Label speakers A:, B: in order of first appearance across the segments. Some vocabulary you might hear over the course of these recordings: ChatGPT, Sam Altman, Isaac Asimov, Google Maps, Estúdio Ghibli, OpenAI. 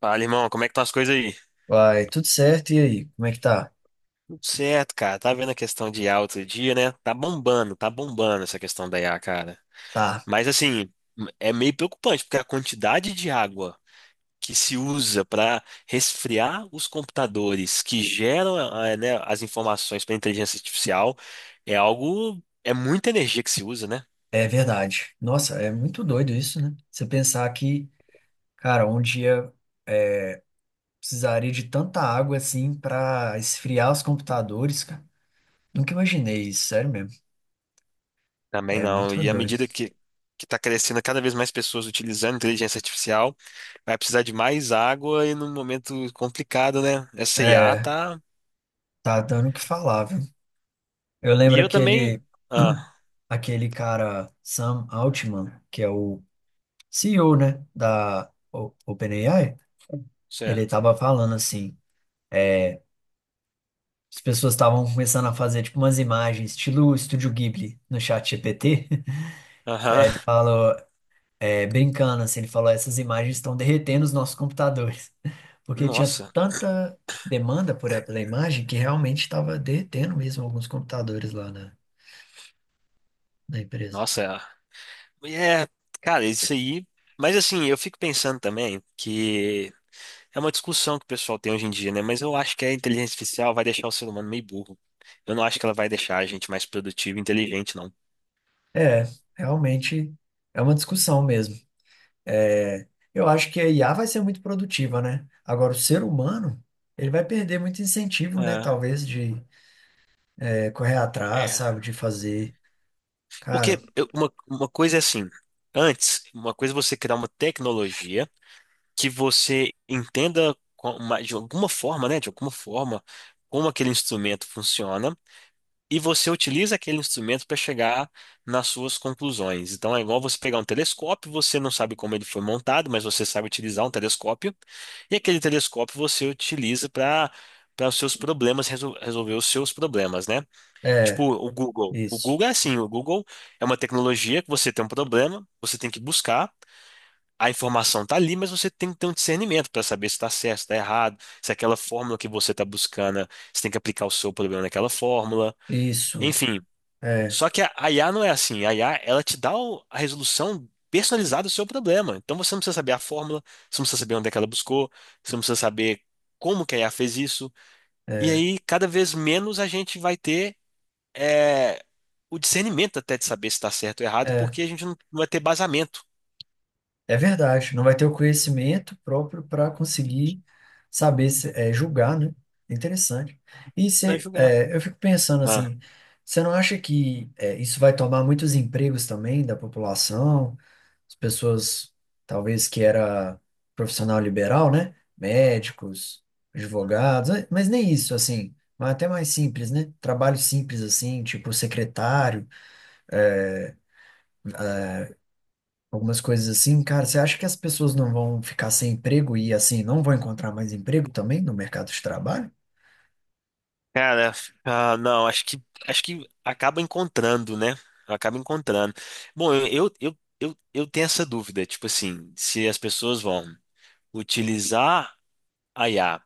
A: Fala, irmão, como é que estão as coisas aí?
B: Vai, tudo certo. E aí, como é que tá?
A: Tudo certo, cara. Tá vendo a questão de IA outro dia, né? Tá bombando essa questão da IA, cara.
B: Tá,
A: Mas assim, é meio preocupante, porque a quantidade de água que se usa para resfriar os computadores que geram, né, as informações para inteligência artificial é algo, é muita energia que se usa, né?
B: é verdade. Nossa, é muito doido isso, né? Você pensar que, cara, um dia precisaria de tanta água assim pra esfriar os computadores, cara. Nunca imaginei isso, sério mesmo.
A: Também
B: É
A: não.
B: muito
A: E à
B: doido.
A: medida que está crescendo cada vez mais pessoas utilizando inteligência artificial, vai precisar de mais água e num momento complicado, né? Essa IA
B: É,
A: tá.
B: tá dando o que falar, viu? Eu
A: E
B: lembro
A: eu também.
B: aquele,
A: Ah,
B: aquele cara, Sam Altman, que é o CEO, né, da OpenAI. Ele
A: certo.
B: tava falando assim. As pessoas estavam começando a fazer tipo umas imagens, estilo Estúdio Ghibli, no chat GPT. E aí
A: Aham.
B: ele falou, é, brincando assim, ele falou, essas imagens estão derretendo os nossos computadores. Porque tinha
A: Nossa,
B: tanta demanda por pela imagem que realmente estava derretendo mesmo alguns computadores lá na empresa.
A: nossa. É, é, cara, isso aí. Mas assim, eu fico pensando também que é uma discussão que o pessoal tem hoje em dia, né? Mas eu acho que a inteligência artificial vai deixar o ser humano meio burro. Eu não acho que ela vai deixar a gente mais produtivo e inteligente, não.
B: É, realmente é uma discussão mesmo. É, eu acho que a IA vai ser muito produtiva, né? Agora, o ser humano, ele vai perder muito incentivo, né?
A: É,
B: Talvez de correr atrás,
A: é.
B: sabe, de fazer.
A: Porque
B: Cara,
A: uma coisa é assim, antes, uma coisa é você criar uma tecnologia que você entenda de alguma forma, né? De alguma forma, como aquele instrumento funciona, e você utiliza aquele instrumento para chegar nas suas conclusões. Então é igual você pegar um telescópio, você não sabe como ele foi montado, mas você sabe utilizar um telescópio, e aquele telescópio você utiliza para os seus problemas, resolver os seus problemas, né? Tipo,
B: é,
A: o Google. O
B: isso,
A: Google é assim, o Google é uma tecnologia que você tem um problema, você tem que buscar, a informação tá ali, mas você tem que ter um discernimento para saber se está certo, se está errado, se aquela fórmula que você está buscando, você tem que aplicar o seu problema naquela fórmula.
B: isso,
A: Enfim,
B: é,
A: só que a IA não é assim. A IA, ela te dá a resolução personalizada do seu problema. Então você não precisa saber a fórmula, você não precisa saber onde é que ela buscou, você não precisa saber como que a IA fez isso. E
B: é,
A: aí, cada vez menos a gente vai ter é, o discernimento até de saber se está certo ou errado,
B: é,
A: porque a gente não vai ter basamento
B: é, verdade. Não vai ter o conhecimento próprio para conseguir saber, é, julgar, né? Interessante. E
A: para
B: cê,
A: julgar.
B: é, eu fico pensando
A: Ah,
B: assim, você não acha que é, isso vai tomar muitos empregos também da população? As pessoas, talvez que era profissional liberal, né? Médicos, advogados, mas nem isso, assim, mas até mais simples, né? Trabalho simples, assim, tipo secretário, algumas coisas assim. Cara, você acha que as pessoas não vão ficar sem emprego e, assim, não vão encontrar mais emprego também no mercado de trabalho?
A: cara, ah, não, acho que acaba encontrando, né? Acaba encontrando. Bom, eu tenho essa dúvida, tipo assim, se as pessoas vão utilizar a IA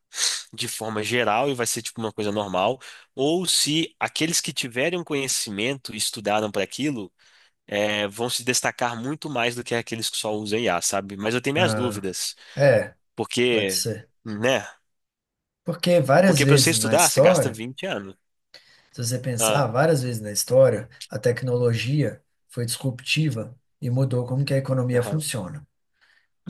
A: de forma geral e vai ser tipo uma coisa normal, ou se aqueles que tiverem um conhecimento e estudaram para aquilo vão se destacar muito mais do que aqueles que só usam IA, sabe? Mas eu tenho minhas
B: Ah,
A: dúvidas,
B: é, pode
A: porque,
B: ser.
A: né?
B: Porque várias
A: Porque para você
B: vezes na
A: estudar, você gasta
B: história,
A: 20 anos.
B: se você pensar,
A: Ah,
B: várias vezes na história, a tecnologia foi disruptiva e mudou como que a economia
A: aham.
B: funciona.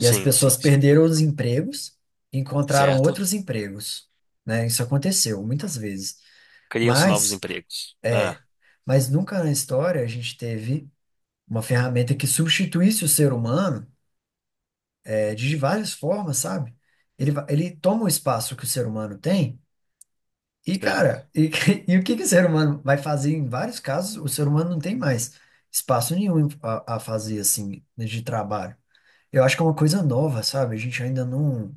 B: E as
A: sim,
B: pessoas
A: sim.
B: perderam os empregos e encontraram
A: Certo?
B: outros empregos, né? Isso aconteceu muitas vezes.
A: Criam-se novos
B: Mas,
A: empregos. Ah,
B: é, mas nunca na história a gente teve uma ferramenta que substituísse o ser humano, é, de várias formas, sabe? Ele, ele toma o espaço que o ser humano tem e,
A: certo.
B: cara, e, e o que que o ser humano vai fazer em vários casos, o ser humano não tem mais espaço nenhum a fazer, assim, de trabalho. Eu acho que é uma coisa nova, sabe? A gente ainda não,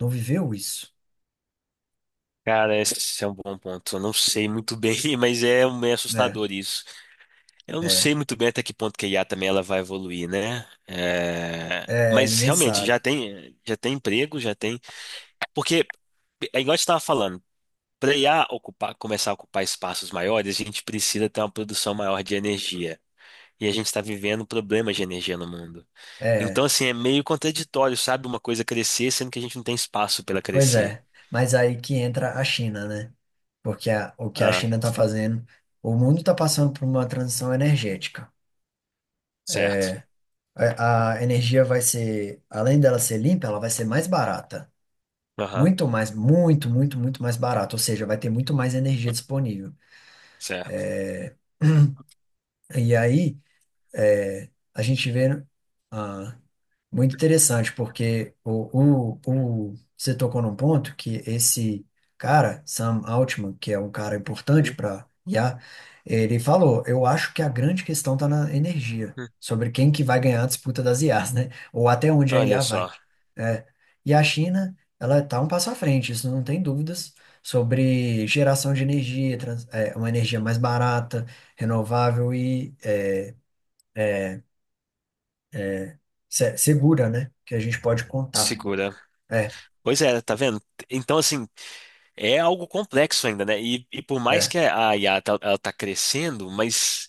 B: não viveu isso.
A: Cara, esse é um bom ponto. Eu não sei muito bem, mas é meio
B: É,
A: assustador isso. Eu não
B: é,
A: sei muito bem até que ponto que a IA também ela vai evoluir, né? É,
B: é,
A: mas
B: ninguém
A: realmente
B: sabe.
A: já tem emprego, já tem. Porque é igual a gente estava falando, para IA ocupar, começar a ocupar espaços maiores, a gente precisa ter uma produção maior de energia. E a gente está vivendo problemas de energia no mundo.
B: É,
A: Então, assim, é meio contraditório, sabe? Uma coisa crescer, sendo que a gente não tem espaço para ela
B: pois
A: crescer.
B: é. Mas aí que entra a China, né? Porque o que a
A: Ah,
B: China está fazendo, o mundo está passando por uma transição energética.
A: certo.
B: A energia vai ser, além dela ser limpa, ela vai ser mais barata.
A: Aham,
B: Muito mais barata. Ou seja, vai ter muito mais energia disponível.
A: certo.
B: E aí, é, a gente vê, ah, muito interessante, porque você tocou num ponto que esse cara, Sam Altman, que é um cara importante
A: Hum,
B: para IA, ele falou, eu acho que a grande questão está na energia,
A: hum.
B: sobre quem que vai ganhar a disputa das IAs, né? Ou até onde a
A: Olha
B: IA vai.
A: só,
B: É. E a China, ela está um passo à frente, isso não tem dúvidas, sobre geração de energia, é, uma energia mais barata, renovável e é, segura, né? Que a gente pode contar.
A: segura.
B: É,
A: Pois é, tá vendo? Então, assim, é algo complexo ainda, né? E por mais
B: é.
A: que a IA tá, ela tá crescendo, mas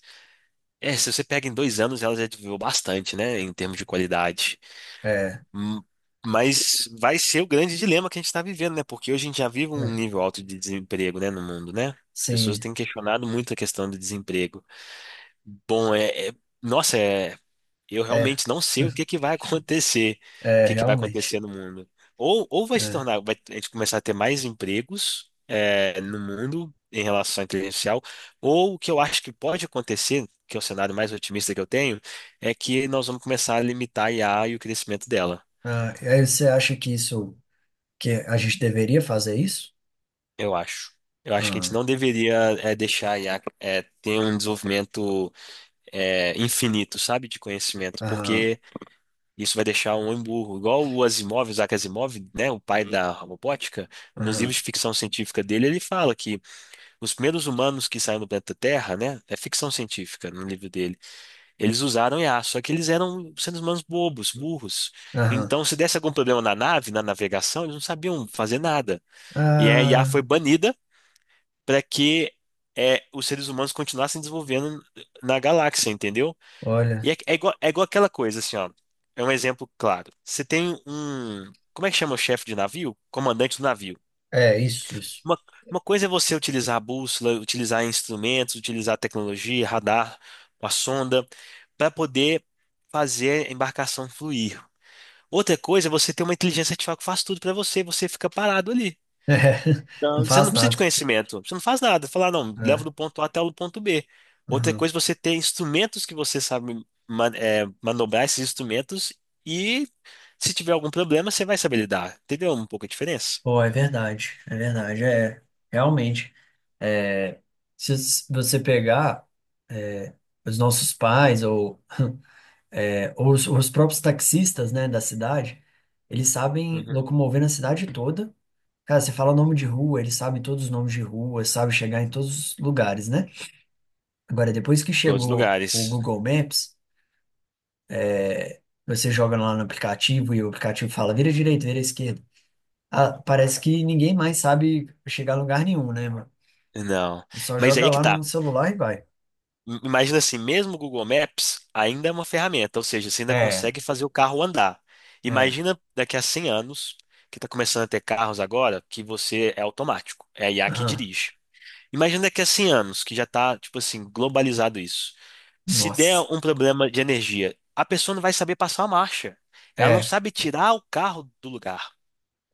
A: é, se você pega em 2 anos, ela já desenvolveu bastante, né? Em termos de qualidade.
B: É,
A: Hum, Mas vai ser o grande dilema que a gente está vivendo, né? Porque hoje a gente já vive um
B: é,
A: nível alto de desemprego, né, no mundo, né? As pessoas
B: sim,
A: têm questionado muito a questão do desemprego. Bom, nossa, eu
B: é,
A: realmente não sei o que que vai acontecer, o
B: é,
A: que que vai acontecer
B: realmente.
A: no mundo. Ou vai se
B: É.
A: tornar, vai a gente começar a ter mais empregos, é, no mundo em relação à inteligência artificial, ou o que eu acho que pode acontecer, que é o cenário mais otimista que eu tenho, é que nós vamos começar a limitar a IA e o crescimento dela.
B: Ah, e aí você acha que isso, que a gente deveria fazer isso?
A: Eu acho. Eu acho que a gente
B: Ah,
A: não deveria deixar a IA ter um desenvolvimento infinito, sabe, de conhecimento,
B: aham,
A: porque isso vai deixar um homem burro. Igual o Asimov, o Isaac Asimov, né, o pai da robótica, nos
B: aham,
A: livros de ficção científica dele, ele fala que os primeiros humanos que saíram do planeta Terra, né, é ficção científica no livro dele, eles usaram IA, só que eles eram seres humanos bobos, burros.
B: aham.
A: Então, se desse algum problema na nave, na navegação, eles não sabiam fazer nada. E a IA
B: Ah,
A: foi banida para que os seres humanos continuassem desenvolvendo na galáxia, entendeu? E
B: olha,
A: é igual aquela coisa, assim, ó. É um exemplo claro. Você tem um. Como é que chama o chefe de navio? Comandante do navio.
B: é isso, isso.
A: Uma, uma coisa é você utilizar a bússola, utilizar instrumentos, utilizar tecnologia, radar, uma sonda, para poder fazer a embarcação fluir. Outra coisa é você ter uma inteligência artificial que faz tudo para você, você fica parado ali.
B: É, não
A: Então, você
B: faz
A: não precisa de
B: nada.
A: conhecimento, você não faz nada. Falar, não, leva
B: É,
A: do ponto A até o ponto B. Outra
B: aham.
A: coisa, é você ter instrumentos que você sabe manobrar esses instrumentos e se tiver algum problema, você vai saber lidar. Entendeu? Um pouco a diferença.
B: Pô, é verdade, é verdade, é, realmente. É, se você pegar é, os nossos pais ou é, os próprios taxistas, né, da cidade, eles sabem
A: Uhum.
B: locomover na cidade toda. Cara, você fala nome de rua, eles sabem todos os nomes de rua, sabem chegar em todos os lugares, né? Agora, depois que
A: Todos os
B: chegou o
A: lugares.
B: Google Maps, você joga lá no aplicativo e o aplicativo fala vira direita, vira esquerda. Ah, parece que ninguém mais sabe chegar a lugar nenhum, né, mano?
A: Não.
B: Só
A: Mas aí
B: joga
A: é que
B: lá
A: tá.
B: no celular e vai.
A: Imagina assim, mesmo o Google Maps ainda é uma ferramenta, ou seja, você ainda
B: É,
A: consegue fazer o carro andar.
B: é.
A: Imagina daqui a 100 anos, que está começando a ter carros agora, que você é automático, é a IA que
B: Aham.
A: dirige. Imagina daqui a 100 anos, que já tá, tipo assim, globalizado isso. Se der
B: Nossa.
A: um problema de energia, a pessoa não vai saber passar a marcha. Ela não
B: É,
A: sabe tirar o carro do lugar.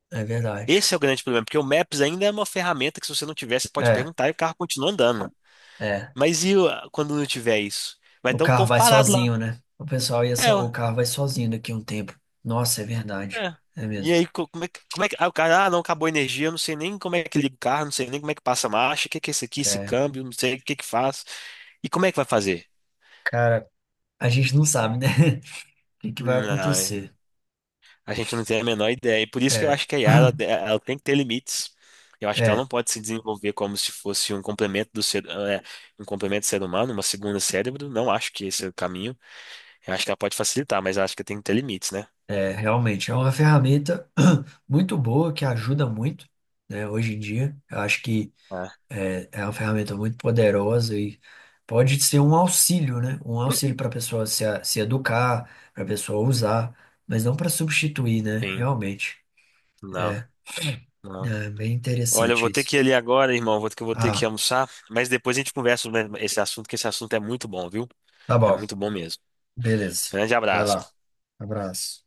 B: é verdade.
A: Esse é o grande problema, porque o Maps ainda é uma ferramenta que se você não tiver, você pode
B: É,
A: perguntar e o carro continua andando.
B: é.
A: Mas quando não tiver isso? Vai
B: O
A: estar o
B: carro
A: povo
B: vai
A: parado lá.
B: sozinho, né? O pessoal ia so...
A: É, ó,
B: o carro vai sozinho daqui a um tempo. Nossa, é verdade.
A: é.
B: É
A: E
B: mesmo.
A: aí, como é que, ah, o cara, ah, não, acabou a energia, eu não sei nem como é que liga o carro, não sei nem como é que passa a marcha, o que que é isso aqui, esse
B: É.
A: câmbio, não sei o que que faz. E como é que vai fazer?
B: Cara, a gente não sabe, né? O que que vai
A: Não,
B: acontecer.
A: a gente não tem a menor ideia. E por isso que eu
B: É.
A: acho que a IA, ela tem que ter limites. Eu acho que ela
B: É,
A: não pode se desenvolver como se fosse um complemento do ser, um complemento do ser humano, uma segunda cérebro. Não acho que esse é o caminho. Eu acho que ela pode facilitar, mas eu acho que tem que ter limites, né?
B: é, realmente. É uma ferramenta muito boa que ajuda muito, né? Hoje em dia. Eu acho que
A: Ah,
B: é, é uma ferramenta muito poderosa e pode ser um auxílio, né? Um auxílio para a pessoa se, se educar, para a pessoa usar, mas não para substituir, né?
A: sim.
B: Realmente.
A: Não, não.
B: É bem
A: Olha, eu
B: interessante
A: vou ter
B: isso.
A: que ir ali agora, irmão. Vou ter que, vou ter
B: Ah,
A: que almoçar. Mas depois a gente conversa sobre esse assunto, que esse assunto é muito bom, viu?
B: tá
A: É
B: bom.
A: muito bom mesmo.
B: Beleza.
A: Grande
B: Vai
A: abraço.
B: lá. Abraço.